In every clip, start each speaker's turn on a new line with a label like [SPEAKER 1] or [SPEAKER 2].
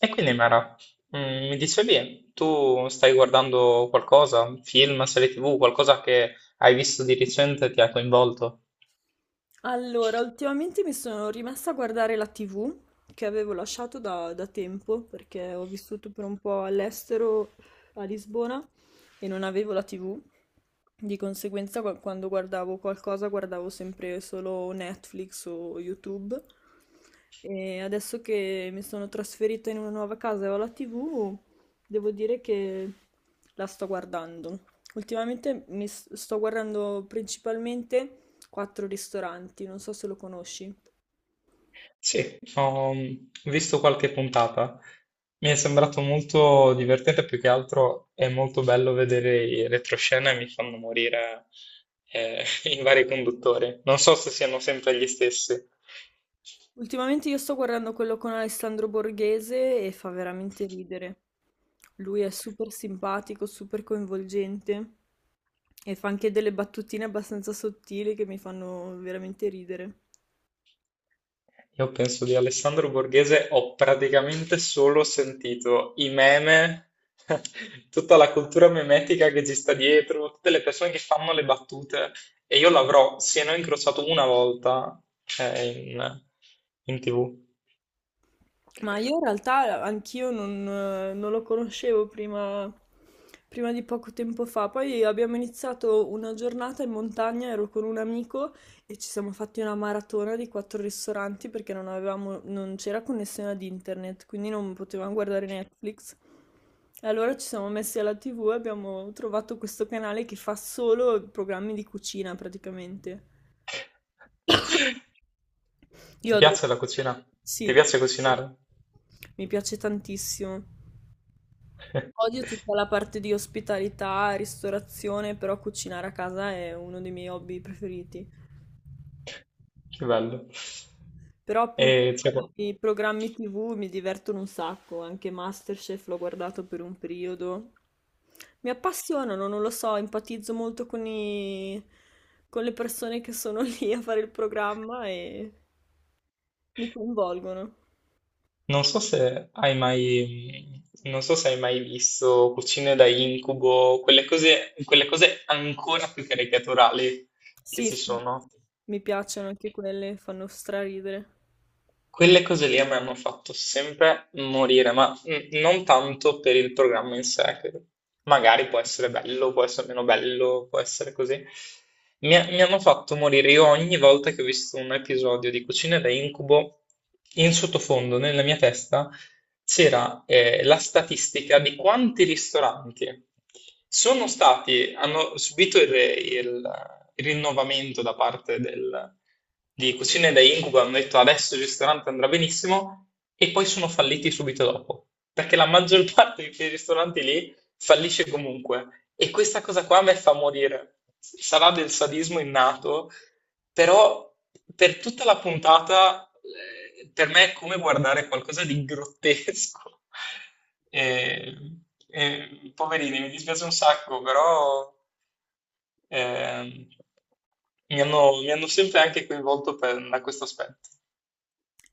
[SPEAKER 1] E quindi Mara, mi dicevi, tu stai guardando qualcosa, film, serie TV, qualcosa che hai visto di recente e ti ha coinvolto?
[SPEAKER 2] Allora, ultimamente mi sono rimessa a guardare la TV che avevo lasciato da tempo perché ho vissuto per un po' all'estero a Lisbona e non avevo la TV. Di conseguenza, quando guardavo qualcosa, guardavo sempre solo Netflix o YouTube. E adesso che mi sono trasferita in una nuova casa e ho la TV, devo dire che la sto guardando. Ultimamente sto guardando principalmente quattro ristoranti, non so se lo conosci.
[SPEAKER 1] Sì, ho visto qualche puntata. Mi è sembrato molto divertente, più che altro è molto bello vedere i retroscena e mi fanno morire i vari conduttori. Non so se siano sempre gli stessi.
[SPEAKER 2] Ultimamente io sto guardando quello con Alessandro Borghese e fa veramente ridere. Lui è super simpatico, super coinvolgente e fa anche delle battutine abbastanza sottili che mi fanno veramente ridere.
[SPEAKER 1] Io penso di Alessandro Borghese ho praticamente solo sentito i meme, tutta la cultura memetica che ci sta dietro, tutte le persone che fanno le battute e io l'avrò, se non incrociato una volta, eh, in, in TV.
[SPEAKER 2] Ma io in realtà anch'io non, non lo conoscevo prima, prima di poco tempo fa. Poi abbiamo iniziato una giornata in montagna, ero con un amico e ci siamo fatti una maratona di quattro ristoranti perché non c'era connessione ad internet, quindi non potevamo guardare Netflix. E allora ci siamo messi alla TV e abbiamo trovato questo canale che fa solo programmi di cucina praticamente. Io
[SPEAKER 1] Ti
[SPEAKER 2] adoro.
[SPEAKER 1] piace la cucina? Ti
[SPEAKER 2] Sì,
[SPEAKER 1] piace cucinare?
[SPEAKER 2] mi piace tantissimo. Odio tutta la parte di ospitalità, ristorazione, però cucinare a casa è uno dei miei hobby preferiti.
[SPEAKER 1] Che bello.
[SPEAKER 2] Però appunto
[SPEAKER 1] E c'è qua-
[SPEAKER 2] i programmi TV mi divertono un sacco, anche MasterChef l'ho guardato per un periodo. Mi appassionano, non lo so, empatizzo molto con i... con le persone che sono lì a fare il programma e mi coinvolgono.
[SPEAKER 1] Non so se hai mai, non so se hai mai visto Cucine da incubo, quelle cose ancora più caricaturali che
[SPEAKER 2] Sì,
[SPEAKER 1] ci
[SPEAKER 2] sì,
[SPEAKER 1] sono.
[SPEAKER 2] mi piacciono anche quelle, fanno straridere.
[SPEAKER 1] Quelle cose lì a me hanno fatto sempre morire, ma non tanto per il programma in sé, che magari può essere bello, può essere meno bello, può essere così. Mi hanno fatto morire io ogni volta che ho visto un episodio di Cucina da Incubo, in sottofondo, nella mia testa, c'era la statistica di quanti ristoranti sono stati, hanno subito il rinnovamento da parte del di cucine da incubo, hanno detto adesso il ristorante andrà benissimo e poi sono falliti subito dopo, perché la maggior parte di quei ristoranti lì fallisce comunque e questa cosa qua a me fa morire. Sarà del sadismo innato, però per tutta la puntata per me è come guardare qualcosa di grottesco. E- e, poverini, mi dispiace un sacco, però Ehm, mi hanno sempre anche coinvolto da questo aspetto.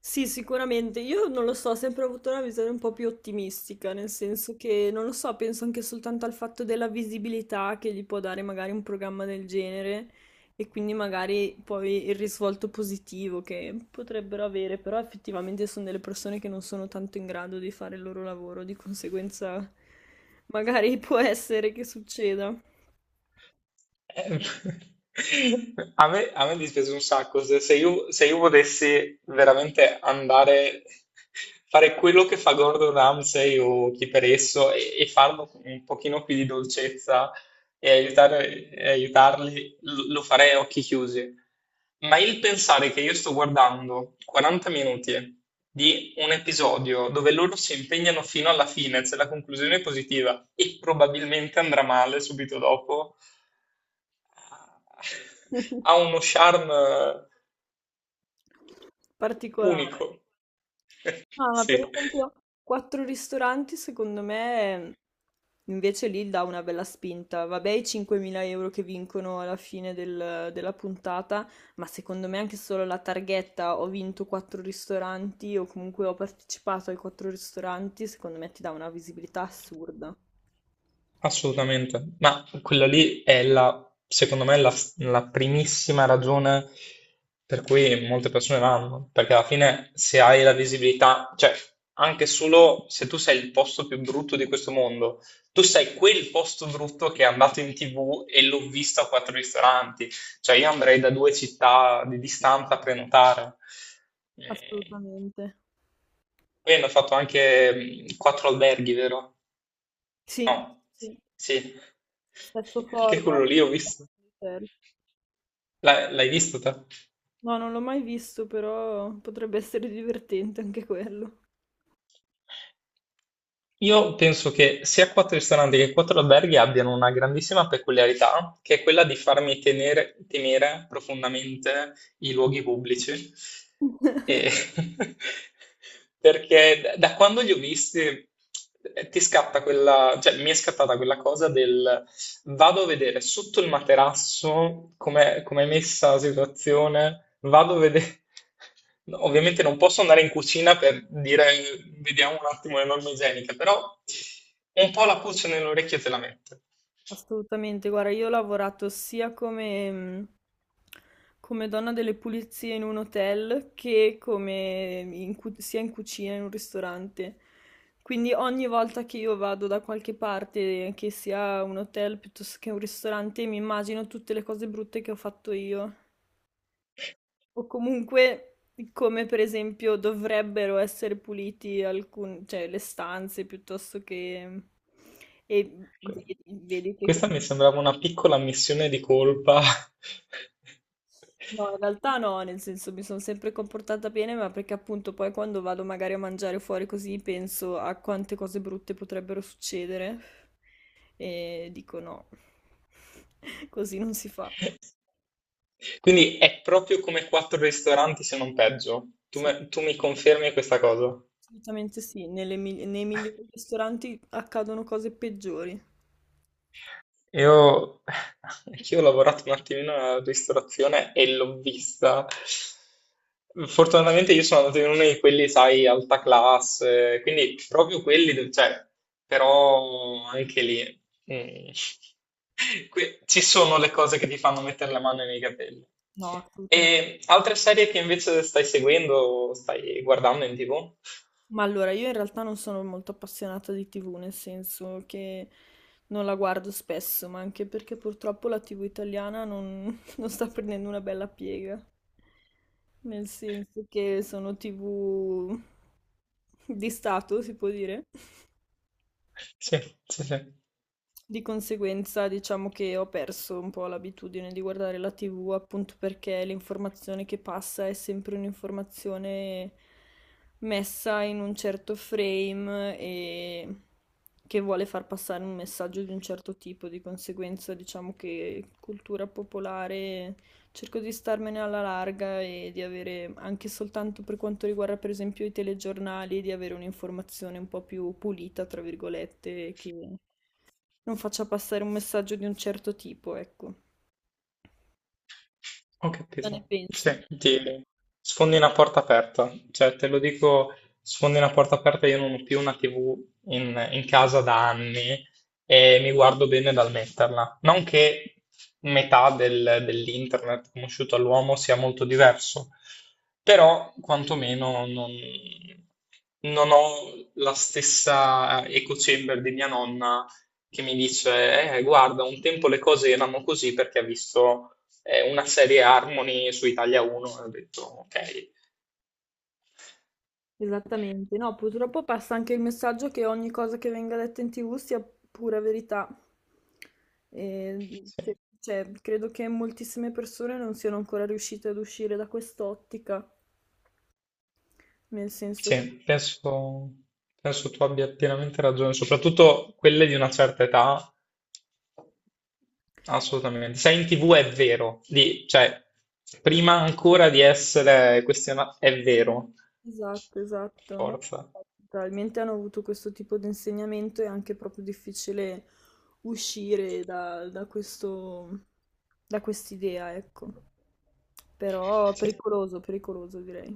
[SPEAKER 2] Sì, sicuramente. Io non lo so, ho sempre avuto una visione un po' più ottimistica, nel senso che, non lo so, penso anche soltanto al fatto della visibilità che gli può dare magari un programma del genere e quindi magari poi il risvolto positivo che potrebbero avere, però effettivamente sono delle persone che non sono tanto in grado di fare il loro lavoro, di conseguenza magari può essere che succeda.
[SPEAKER 1] Eh, a me dispiace un sacco, se io volessi veramente andare, fare quello che fa Gordon Ramsay o chi per esso e farlo con un pochino più di dolcezza e aiutarli lo farei a occhi chiusi. Ma il pensare che io sto guardando 40 minuti di un episodio dove loro si impegnano fino alla fine, se la conclusione è positiva e probabilmente andrà male subito dopo, ha uno charme
[SPEAKER 2] Particolare.
[SPEAKER 1] unico.
[SPEAKER 2] No, ma per
[SPEAKER 1] Sì.
[SPEAKER 2] esempio, quattro ristoranti, secondo me, invece lì dà una bella spinta. Vabbè, i 5.000 euro che vincono alla fine della puntata, ma secondo me anche solo la targhetta ho vinto quattro ristoranti o comunque ho partecipato ai quattro ristoranti, secondo me ti dà una visibilità assurda.
[SPEAKER 1] Assolutamente, ma quella lì è secondo me, la primissima ragione per cui molte persone vanno, perché alla fine se hai la visibilità, cioè anche solo se tu sei il posto più brutto di questo mondo, tu sei quel posto brutto che è andato in TV e l'ho visto a quattro ristoranti, cioè io andrei da due città di distanza a prenotare. Eh,
[SPEAKER 2] Assolutamente.
[SPEAKER 1] Poi hanno fatto anche quattro alberghi, vero?
[SPEAKER 2] Sì, sì.
[SPEAKER 1] Sì,
[SPEAKER 2] Stesso
[SPEAKER 1] anche
[SPEAKER 2] format.
[SPEAKER 1] quello lì ho visto.
[SPEAKER 2] Certo.
[SPEAKER 1] L'hai visto te?
[SPEAKER 2] No, non l'ho mai visto, però potrebbe essere divertente anche quello.
[SPEAKER 1] Io penso che sia quattro ristoranti che quattro alberghi abbiano una grandissima peculiarità, che è quella di farmi temere profondamente i luoghi pubblici. E- perché da quando li ho visti ti scatta quella, cioè mi è scattata quella cosa del vado a vedere sotto il materasso com'è, com'è messa la situazione, vado a vedere... No, ovviamente non posso andare in cucina per dire vediamo un attimo le norme igieniche, però un po' la pulce nell'orecchio te la mette.
[SPEAKER 2] Assolutamente, guarda, io ho lavorato come donna delle pulizie in un hotel che come sia in cucina in un ristorante. Quindi ogni volta che io vado da qualche parte, che sia un hotel piuttosto che un ristorante, mi immagino tutte le cose brutte che ho fatto io. O comunque come per esempio dovrebbero essere puliti cioè, le stanze piuttosto che... mhmm, e
[SPEAKER 1] Que-
[SPEAKER 2] vedi che
[SPEAKER 1] Questa mi sembrava una piccola ammissione di colpa.
[SPEAKER 2] no, in realtà no, nel senso mi sono sempre comportata bene, ma perché appunto poi quando vado magari a mangiare fuori così penso a quante cose brutte potrebbero succedere e dico no, così non si fa.
[SPEAKER 1] Quindi è proprio come quattro ristoranti, se non peggio.
[SPEAKER 2] Sì,
[SPEAKER 1] Tu mi confermi questa cosa?
[SPEAKER 2] assolutamente sì, nei migliori ristoranti accadono cose peggiori.
[SPEAKER 1] Io, anch'io ho lavorato un attimino alla ristorazione e l'ho vista. Fortunatamente io sono andato in uno di quelli, sai, alta classe, quindi proprio quelli, cioè, però anche lì mm, ci sono le cose che ti fanno mettere la mano nei capelli.
[SPEAKER 2] No, assolutamente.
[SPEAKER 1] E altre serie che invece stai seguendo, stai guardando in TV?
[SPEAKER 2] Ma allora, io in realtà non sono molto appassionata di TV, nel senso che non la guardo spesso, ma anche perché purtroppo la TV italiana non, non sta prendendo una bella piega, nel senso che sono TV di Stato, si può dire.
[SPEAKER 1] Sì, sì.
[SPEAKER 2] Di conseguenza diciamo che ho perso un po' l'abitudine di guardare la TV appunto perché l'informazione che passa è sempre un'informazione messa in un certo frame e che vuole far passare un messaggio di un certo tipo, di conseguenza diciamo che cultura popolare cerco di starmene alla larga e di avere anche soltanto per quanto riguarda per esempio i telegiornali, di avere un'informazione un po' più pulita, tra virgolette, che non faccia passare un messaggio di un certo tipo, ecco.
[SPEAKER 1] Ho
[SPEAKER 2] Cosa ne
[SPEAKER 1] capito.
[SPEAKER 2] pensi?
[SPEAKER 1] Cioè, ti sfondi una porta aperta. Cioè, te lo dico, sfondi una porta aperta, io non ho più una TV in casa da anni e mi guardo bene dal metterla. Non che dell'internet conosciuto all'uomo sia molto diverso, però quantomeno non, non ho la stessa eco chamber di mia nonna che mi dice, guarda, un tempo le cose erano così perché ha visto una serie Harmony su Italia 1 e ho detto ok.
[SPEAKER 2] Esattamente. No, purtroppo passa anche il messaggio che ogni cosa che venga detta in TV sia pura verità. E,
[SPEAKER 1] Sì,
[SPEAKER 2] cioè, Credo che moltissime persone non siano ancora riuscite ad uscire da quest'ottica, nel senso che
[SPEAKER 1] sì, penso, penso tu abbia pienamente ragione, soprattutto quelle di una certa età. Assolutamente. Sei in TV è vero, cioè, prima ancora di essere questionato, è vero,
[SPEAKER 2] esatto No?
[SPEAKER 1] forza.
[SPEAKER 2] Probabilmente hanno avuto questo tipo di insegnamento e è anche proprio difficile uscire da questo, da quest'idea, ecco. Però
[SPEAKER 1] Sì,
[SPEAKER 2] pericoloso direi.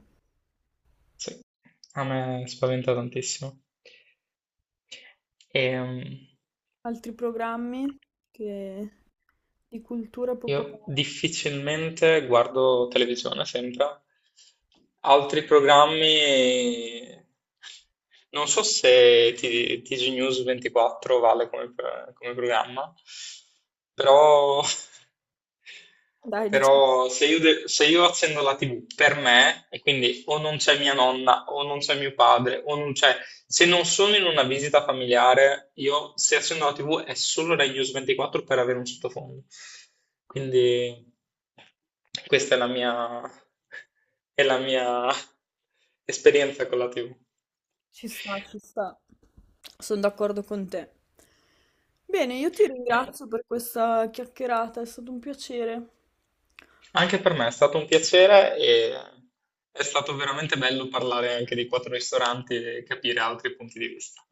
[SPEAKER 1] sì. A me spaventa tantissimo. Ehm,
[SPEAKER 2] Altri programmi che- di cultura
[SPEAKER 1] Io
[SPEAKER 2] popolare?
[SPEAKER 1] difficilmente guardo televisione, sempre. Altri programmi... Non so se TG News 24 vale come, come programma, però
[SPEAKER 2] Dai, diciamo,
[SPEAKER 1] Però se se io accendo la TV per me, e quindi o non c'è mia nonna, o non c'è mio padre, o non c'è... Se non sono in una visita familiare, io se accendo la TV è solo Rai News 24 per avere un sottofondo. Quindi questa è la mia esperienza con la TV.
[SPEAKER 2] ci sta. Sono d'accordo con te. Bene, io ti ringrazio per questa chiacchierata, è stato un piacere.
[SPEAKER 1] Anche per me è stato un piacere e è stato veramente bello parlare anche di quattro ristoranti e capire altri punti di vista.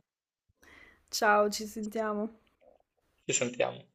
[SPEAKER 2] Ciao, ci sentiamo.
[SPEAKER 1] Ci sentiamo.